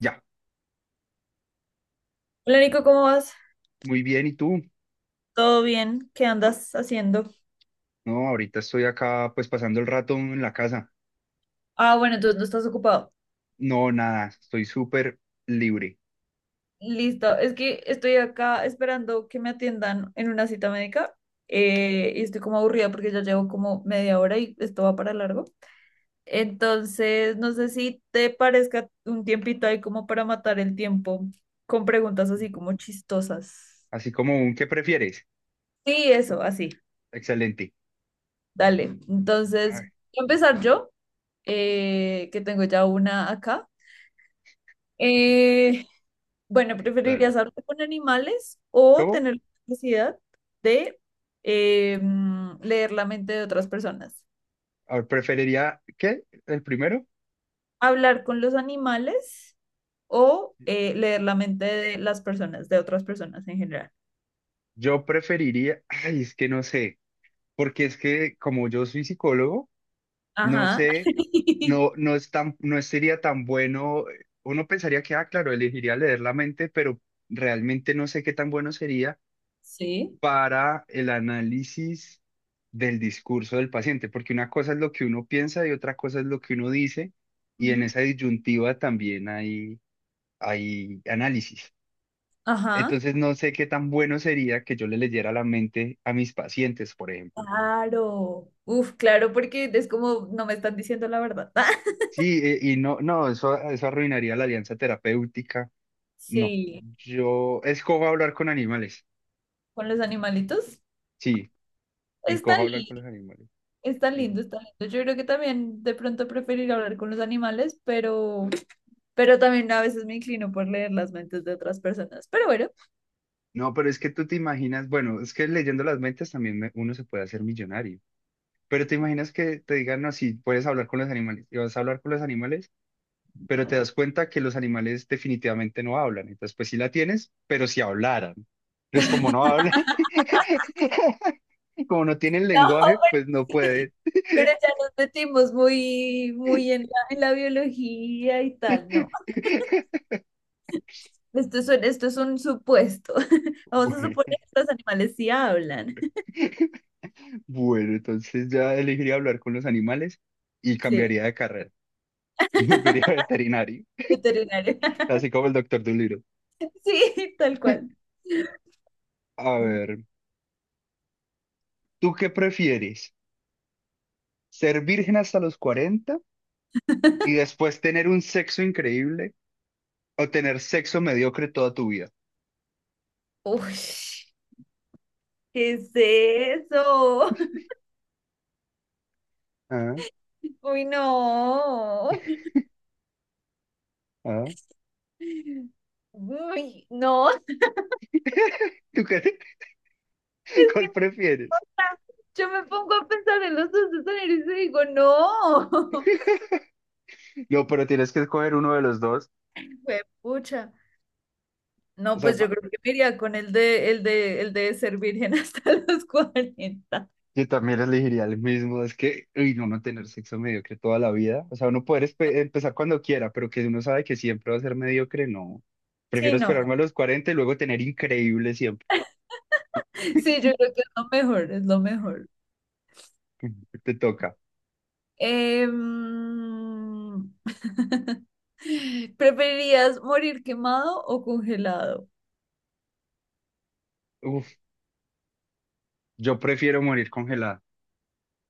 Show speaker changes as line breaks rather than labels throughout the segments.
Ya,
Hola Nico, ¿cómo vas?
muy bien, ¿y tú?
¿Todo bien? ¿Qué andas haciendo?
No, ahorita estoy acá pues pasando el rato en la casa.
Ah, bueno, entonces no estás ocupado.
No, nada, estoy súper libre.
Listo, es que estoy acá esperando que me atiendan en una cita médica, y estoy como aburrida porque ya llevo como media hora y esto va para largo. Entonces, no sé si te parezca un tiempito ahí como para matar el tiempo con preguntas así como chistosas.
Así como un ¿qué prefieres?
Sí, eso, así.
Excelente.
Dale.
A
Entonces, voy
ver,
a empezar yo, que tengo ya una acá. Eh, Bueno,
dale.
¿preferirías hablarte con animales o
¿Cómo?
tener la capacidad de leer la mente de otras personas?
A ver, preferiría, ¿qué? ¿El primero?
¿Hablar con los animales o leer la mente de las personas, de otras personas en general?
Yo preferiría, ay, es que no sé, porque es que como yo soy psicólogo, no
Ajá.
sé, no, no es tan, no sería tan bueno. Uno pensaría que, ah, claro, elegiría leer la mente, pero realmente no sé qué tan bueno sería
Sí.
para el análisis del discurso del paciente, porque una cosa es lo que uno piensa y otra cosa es lo que uno dice, y en
Ujú.
esa disyuntiva también hay análisis.
Ajá.
Entonces no sé qué tan bueno sería que yo le leyera la mente a mis pacientes, por ejemplo.
Claro. Uf, claro, porque es como no me están diciendo la verdad.
Sí, y no, no, eso arruinaría la alianza terapéutica. No,
Sí.
yo escojo hablar con animales.
Con los animalitos,
Sí,
pues. Está
escojo hablar con los
lindo.
animales.
Está lindo, está lindo. Yo creo que también de pronto preferir hablar con los animales, pero también a veces me inclino por leer las mentes de otras personas. Pero bueno,
No, pero es que tú te imaginas, bueno, es que leyendo las mentes también uno se puede hacer millonario, pero te imaginas que te digan, no, si puedes hablar con los animales, y vas a hablar con los animales, pero te das cuenta que los animales definitivamente no hablan, entonces pues sí la tienes, pero si hablaran,
no,
entonces como no hablan, como no tienen lenguaje, pues no
pero, sí.
pueden.
Pero ya nos metimos muy, muy en la biología y tal. No, esto es, esto es un supuesto. Vamos a
Bueno,
suponer que los animales sí hablan.
bueno, entonces ya elegiría hablar con los animales y
Sí,
cambiaría de carrera, volvería a veterinario,
veterinario.
así como el doctor Dolittle.
Sí, tal cual.
A
Uy,
ver, ¿tú qué prefieres? ¿Ser virgen hasta los 40 y después tener un sexo increíble o tener sexo mediocre toda tu vida?
¿qué es eso?
Ah,
Uy, no.
ah.
Uy, no, es
¿Tú qué,
que
cuál
no, o
prefieres?
sea, yo me pongo a pensar en los dos escenarios y digo, no.
No, pero tienes que escoger uno de los dos.
Fue pucha.
O
No,
sea,
pues yo creo que me iría con el de, el de, el de ser virgen hasta los cuarenta.
yo también elegiría el mismo. Es que, uy, no, no tener sexo mediocre toda la vida. O sea, uno poder empezar cuando quiera, pero que uno sabe que siempre va a ser mediocre, no.
Sí,
Prefiero
no.
esperarme a los 40 y luego tener increíble siempre.
Sí, yo creo que es lo mejor, es lo mejor.
Te toca.
Em, ¿Preferirías morir quemado o congelado?
Uf, yo prefiero morir congelada.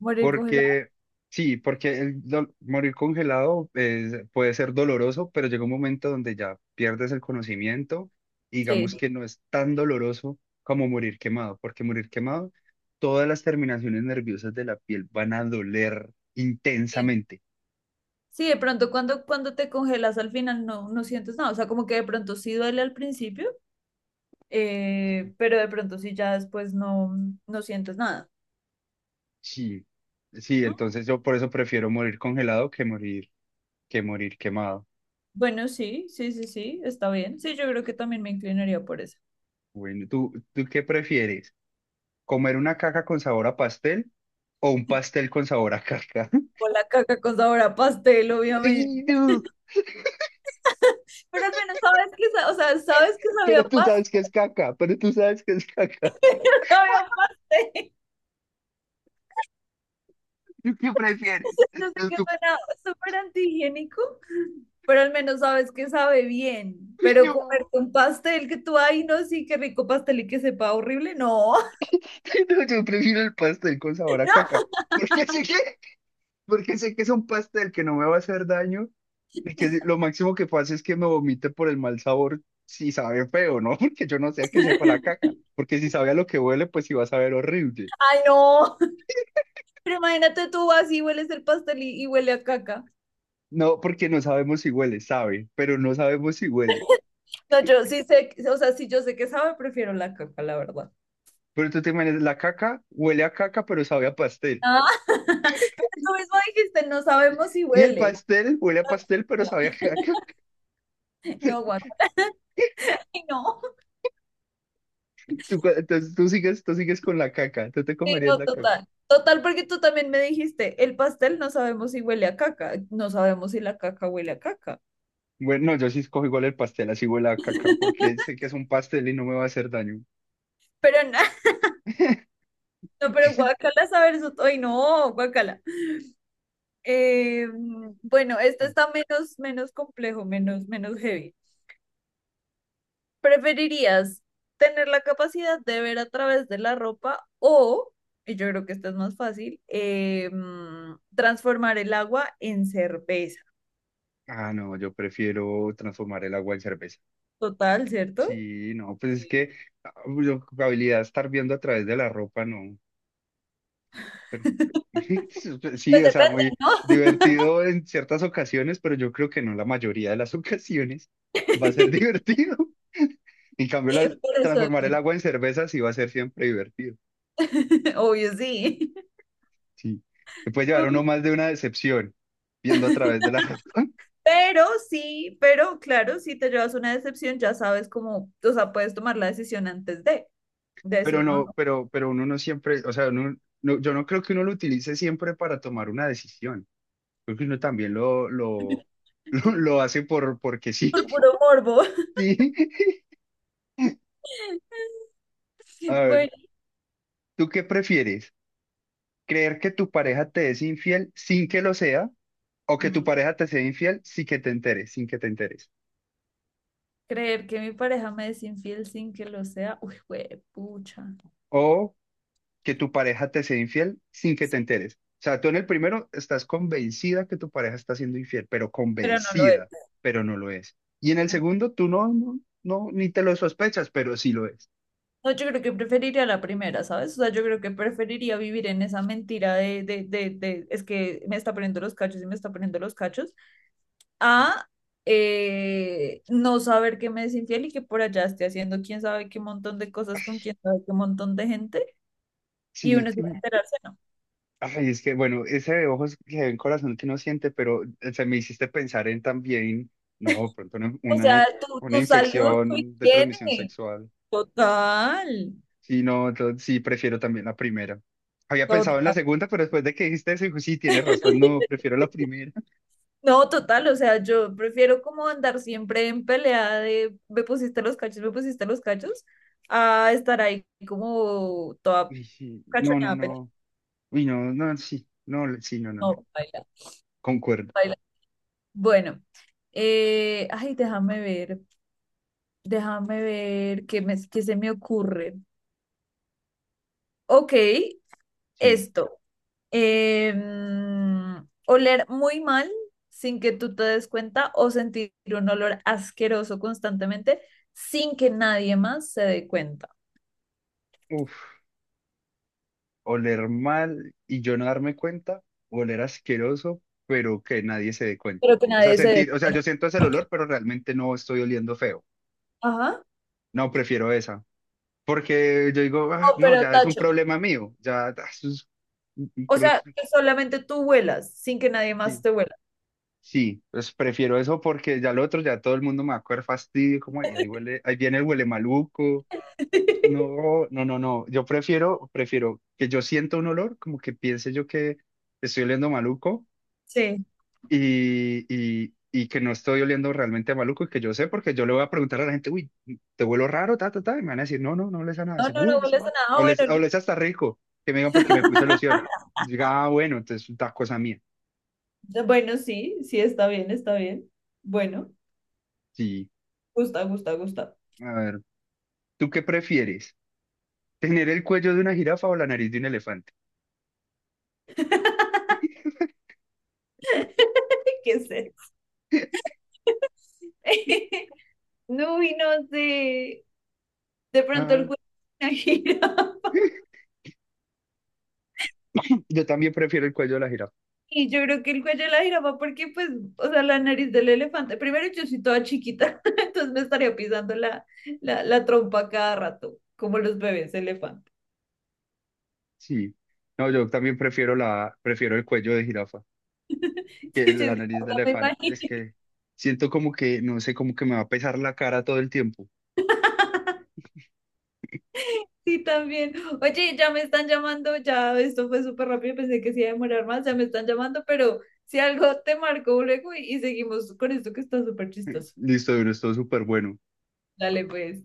Morir congelado,
Porque, sí, porque el morir congelado es- puede ser doloroso, pero llega un momento donde ya pierdes el conocimiento y digamos
sí.
que no es tan doloroso como morir quemado, porque morir quemado, todas las terminaciones nerviosas de la piel van a doler intensamente.
Sí, de pronto cuando, cuando te congelas al final no, no sientes nada, o sea, como que de pronto sí duele al principio, pero de pronto sí ya después no, no sientes nada.
Sí, sí,
Mm,
entonces yo por eso prefiero morir congelado que morir quemado.
bueno, sí, sí, sí, sí, está bien. Sí, yo creo que también me inclinaría por eso.
Bueno, ¿tú qué prefieres? ¿Comer una caca con sabor a pastel o un pastel con sabor a caca?
O la caca con sabor a pastel, obviamente.
Ay, no,
Pero al menos sabes que, o sea, sabes que sabía
pero
a
tú
pastel,
sabes que es caca, pero tú sabes que es caca.
sabía a pastel.
¿Tú qué prefieres?
Yo sé
Entonces
que
tú,
suena súper antihigiénico, pero al menos sabes que sabe bien.
"Ay,
Pero
no.
comer un pastel que tú, ay, no, sí, qué rico pastel y que sepa horrible, no.
No, yo prefiero el pastel con sabor a caca.
No,
Porque sé que, porque sé que es un pastel que no me va a hacer daño y que lo máximo que pasa es que me vomite por el mal sabor si sabe feo, ¿no? Porque yo no sé a qué sepa la caca. Porque si sabe a lo que huele, pues sí va a saber horrible.
ay, no. Pero imagínate, tú así hueles el pastel y huele a caca.
No, porque no sabemos si huele, sabe, pero no sabemos si huele.
No, yo sí sé, o sea, sí, yo sé que sabe, prefiero la caca, la verdad.
Pero tú te imaginas, la caca huele a caca, pero sabe a pastel.
Ah, pero tú mismo dijiste, no sabemos si
Y el
huele.
pastel huele a pastel, pero sabe a caca.
No, guacala. Ay, no.
Entonces tú sigues con la caca, tú te
Sí,
comerías
no,
la caca.
total. Total, porque tú también me dijiste, el pastel no sabemos si huele a caca, no sabemos si la caca huele a caca.
Bueno, no, yo sí escojo igual el pastel, así huele a caca, porque sé que es un pastel y no me va a hacer daño.
Pero nada, no, pero guacala saber eso, ay, no, guacala. Eh, bueno, este
Ah,
está menos, menos complejo, menos, menos heavy. ¿Preferirías tener la capacidad de ver a través de la ropa o, y yo creo que esta es más fácil, transformar el agua en cerveza?
ah, no, yo prefiero transformar el agua en cerveza.
Total, ¿cierto?
Sí, no, pues es que ah, yo, habilidad de estar viendo a través de la ropa, no. Sí,
Pues
o sea,
depende,
muy
¿no?
divertido en ciertas ocasiones, pero yo creo que no la mayoría de las ocasiones va a ser divertido. En cambio,
Por eso,
transformar el agua en cerveza sí va a ser siempre divertido.
obvio, sí.
Sí, se puede llevar uno
Obvio.
más de una decepción viendo a través de la ropa,
Pero sí, pero claro, si te llevas una decepción, ya sabes cómo, o sea, puedes tomar la decisión antes de
pero
decir no,
no,
no,
pero uno no siempre, o sea, yo no creo que uno lo utilice siempre para tomar una decisión. Creo que uno también lo hace porque sí.
por puro morbo.
Sí. A ver,
Bueno,
¿tú qué prefieres? Creer que tu pareja te es infiel sin que lo sea, o que tu
mm,
pareja te sea infiel sin que te enteres, sin que te enteres,
creer que mi pareja me es infiel sin que lo sea, uy, pucha,
o que tu pareja te sea infiel sin que te enteres. O sea, tú en el primero estás convencida que tu pareja está siendo infiel, pero
pero no lo es.
convencida, pero no lo es. Y en el segundo, tú no, no, no, ni te lo sospechas, pero sí lo es.
No, yo creo que preferiría la primera, ¿sabes? O sea, yo creo que preferiría vivir en esa mentira de es que me está poniendo los cachos y me está poniendo los cachos, a no saber que me es infiel y que por allá esté haciendo quién sabe qué montón de cosas con quién sabe qué montón de gente y
Sí,
uno se va a
uy,
enterarse, ¿no?
ay, es que bueno, ese de ojos que ven corazón que no siente, pero se me hiciste pensar en también, no, pronto
O sea, tu,
una
tu salud, tu
infección de transmisión
higiene.
sexual.
Total,
Sí, no, entonces sí, prefiero también la primera. Había pensado en la
total.
segunda, pero después de que dijiste eso, dijo, sí, tienes razón, no, prefiero la primera.
No, total, o sea, yo prefiero como andar siempre en pelea de me pusiste los cachos, me pusiste los cachos, a estar ahí como toda
Y sí, no, no,
cachoneada.
no. Uy, no, no, sí, no, sí, no, no, no.
No, baila,
Concuerdo,
baila. Bueno, ay, déjame ver qué me, qué se me ocurre. Ok,
sí.
esto. Oler muy mal sin que tú te des cuenta o sentir un olor asqueroso constantemente sin que nadie más se dé cuenta.
Uf, oler mal y yo no darme cuenta, oler asqueroso, pero que nadie se dé cuenta.
Pero que
O sea,
nadie se dé.
sentir, o sea, yo siento ese olor, pero realmente no estoy oliendo feo.
Ajá.
No, prefiero esa. Porque yo digo, "Ah,
No,
no,
pero
ya es un
tacho.
problema mío, ya, ah, eso es un
O sea,
problema.
que solamente tú vuelas, sin que nadie más
Sí.
te vuela.
Sí, pues prefiero eso porque ya lo otro, ya todo el mundo me va a coger fastidio, como "Ay, ahí huele, ahí viene el huele maluco. No, no, no, no. Yo prefiero que yo sienta un olor, como que piense yo que estoy oliendo maluco
Sí.
y que no estoy oliendo realmente a maluco y que yo sé, porque yo le voy a preguntar a la gente, uy, te huelo raro, ta, ta, ta, y me van a decir, no, no, no les a nada,
No, no,
seguro,
no
no
vuelas a
nada.
nada. Ah, bueno,
O
li-
les hasta rico, que me digan porque me puse loción. Diga, ah, bueno, entonces es una cosa mía.
bueno, sí, sí, está bien, está bien. Bueno,
Sí,
gusta, gusta, gusta.
a ver, ¿tú qué prefieres? Tener el cuello de una jirafa o la nariz de un elefante.
¿Qué sé? No, y no sé. De pronto el
Ah,
juego es una gira.
yo también prefiero el cuello de la jirafa.
Y yo creo que el cuello de la jirafa, porque pues, o sea, la nariz del elefante, primero yo soy toda chiquita, entonces me estaría pisando la, la, la trompa cada rato, como los bebés elefante.
Sí. No, yo también prefiero prefiero el cuello de jirafa que
Sí, yo es
la
que
nariz de
hasta me
elefante.
imagino.
Es que siento como que, no sé, como que me va a pesar la cara todo el tiempo.
Sí, también. Oye, ya me están llamando, ya esto fue súper rápido, pensé que se iba a demorar más, ya me están llamando, pero si algo te marcó luego y seguimos con esto que está súper chistoso.
Listo, Duro, esto es súper bueno.
Dale, pues.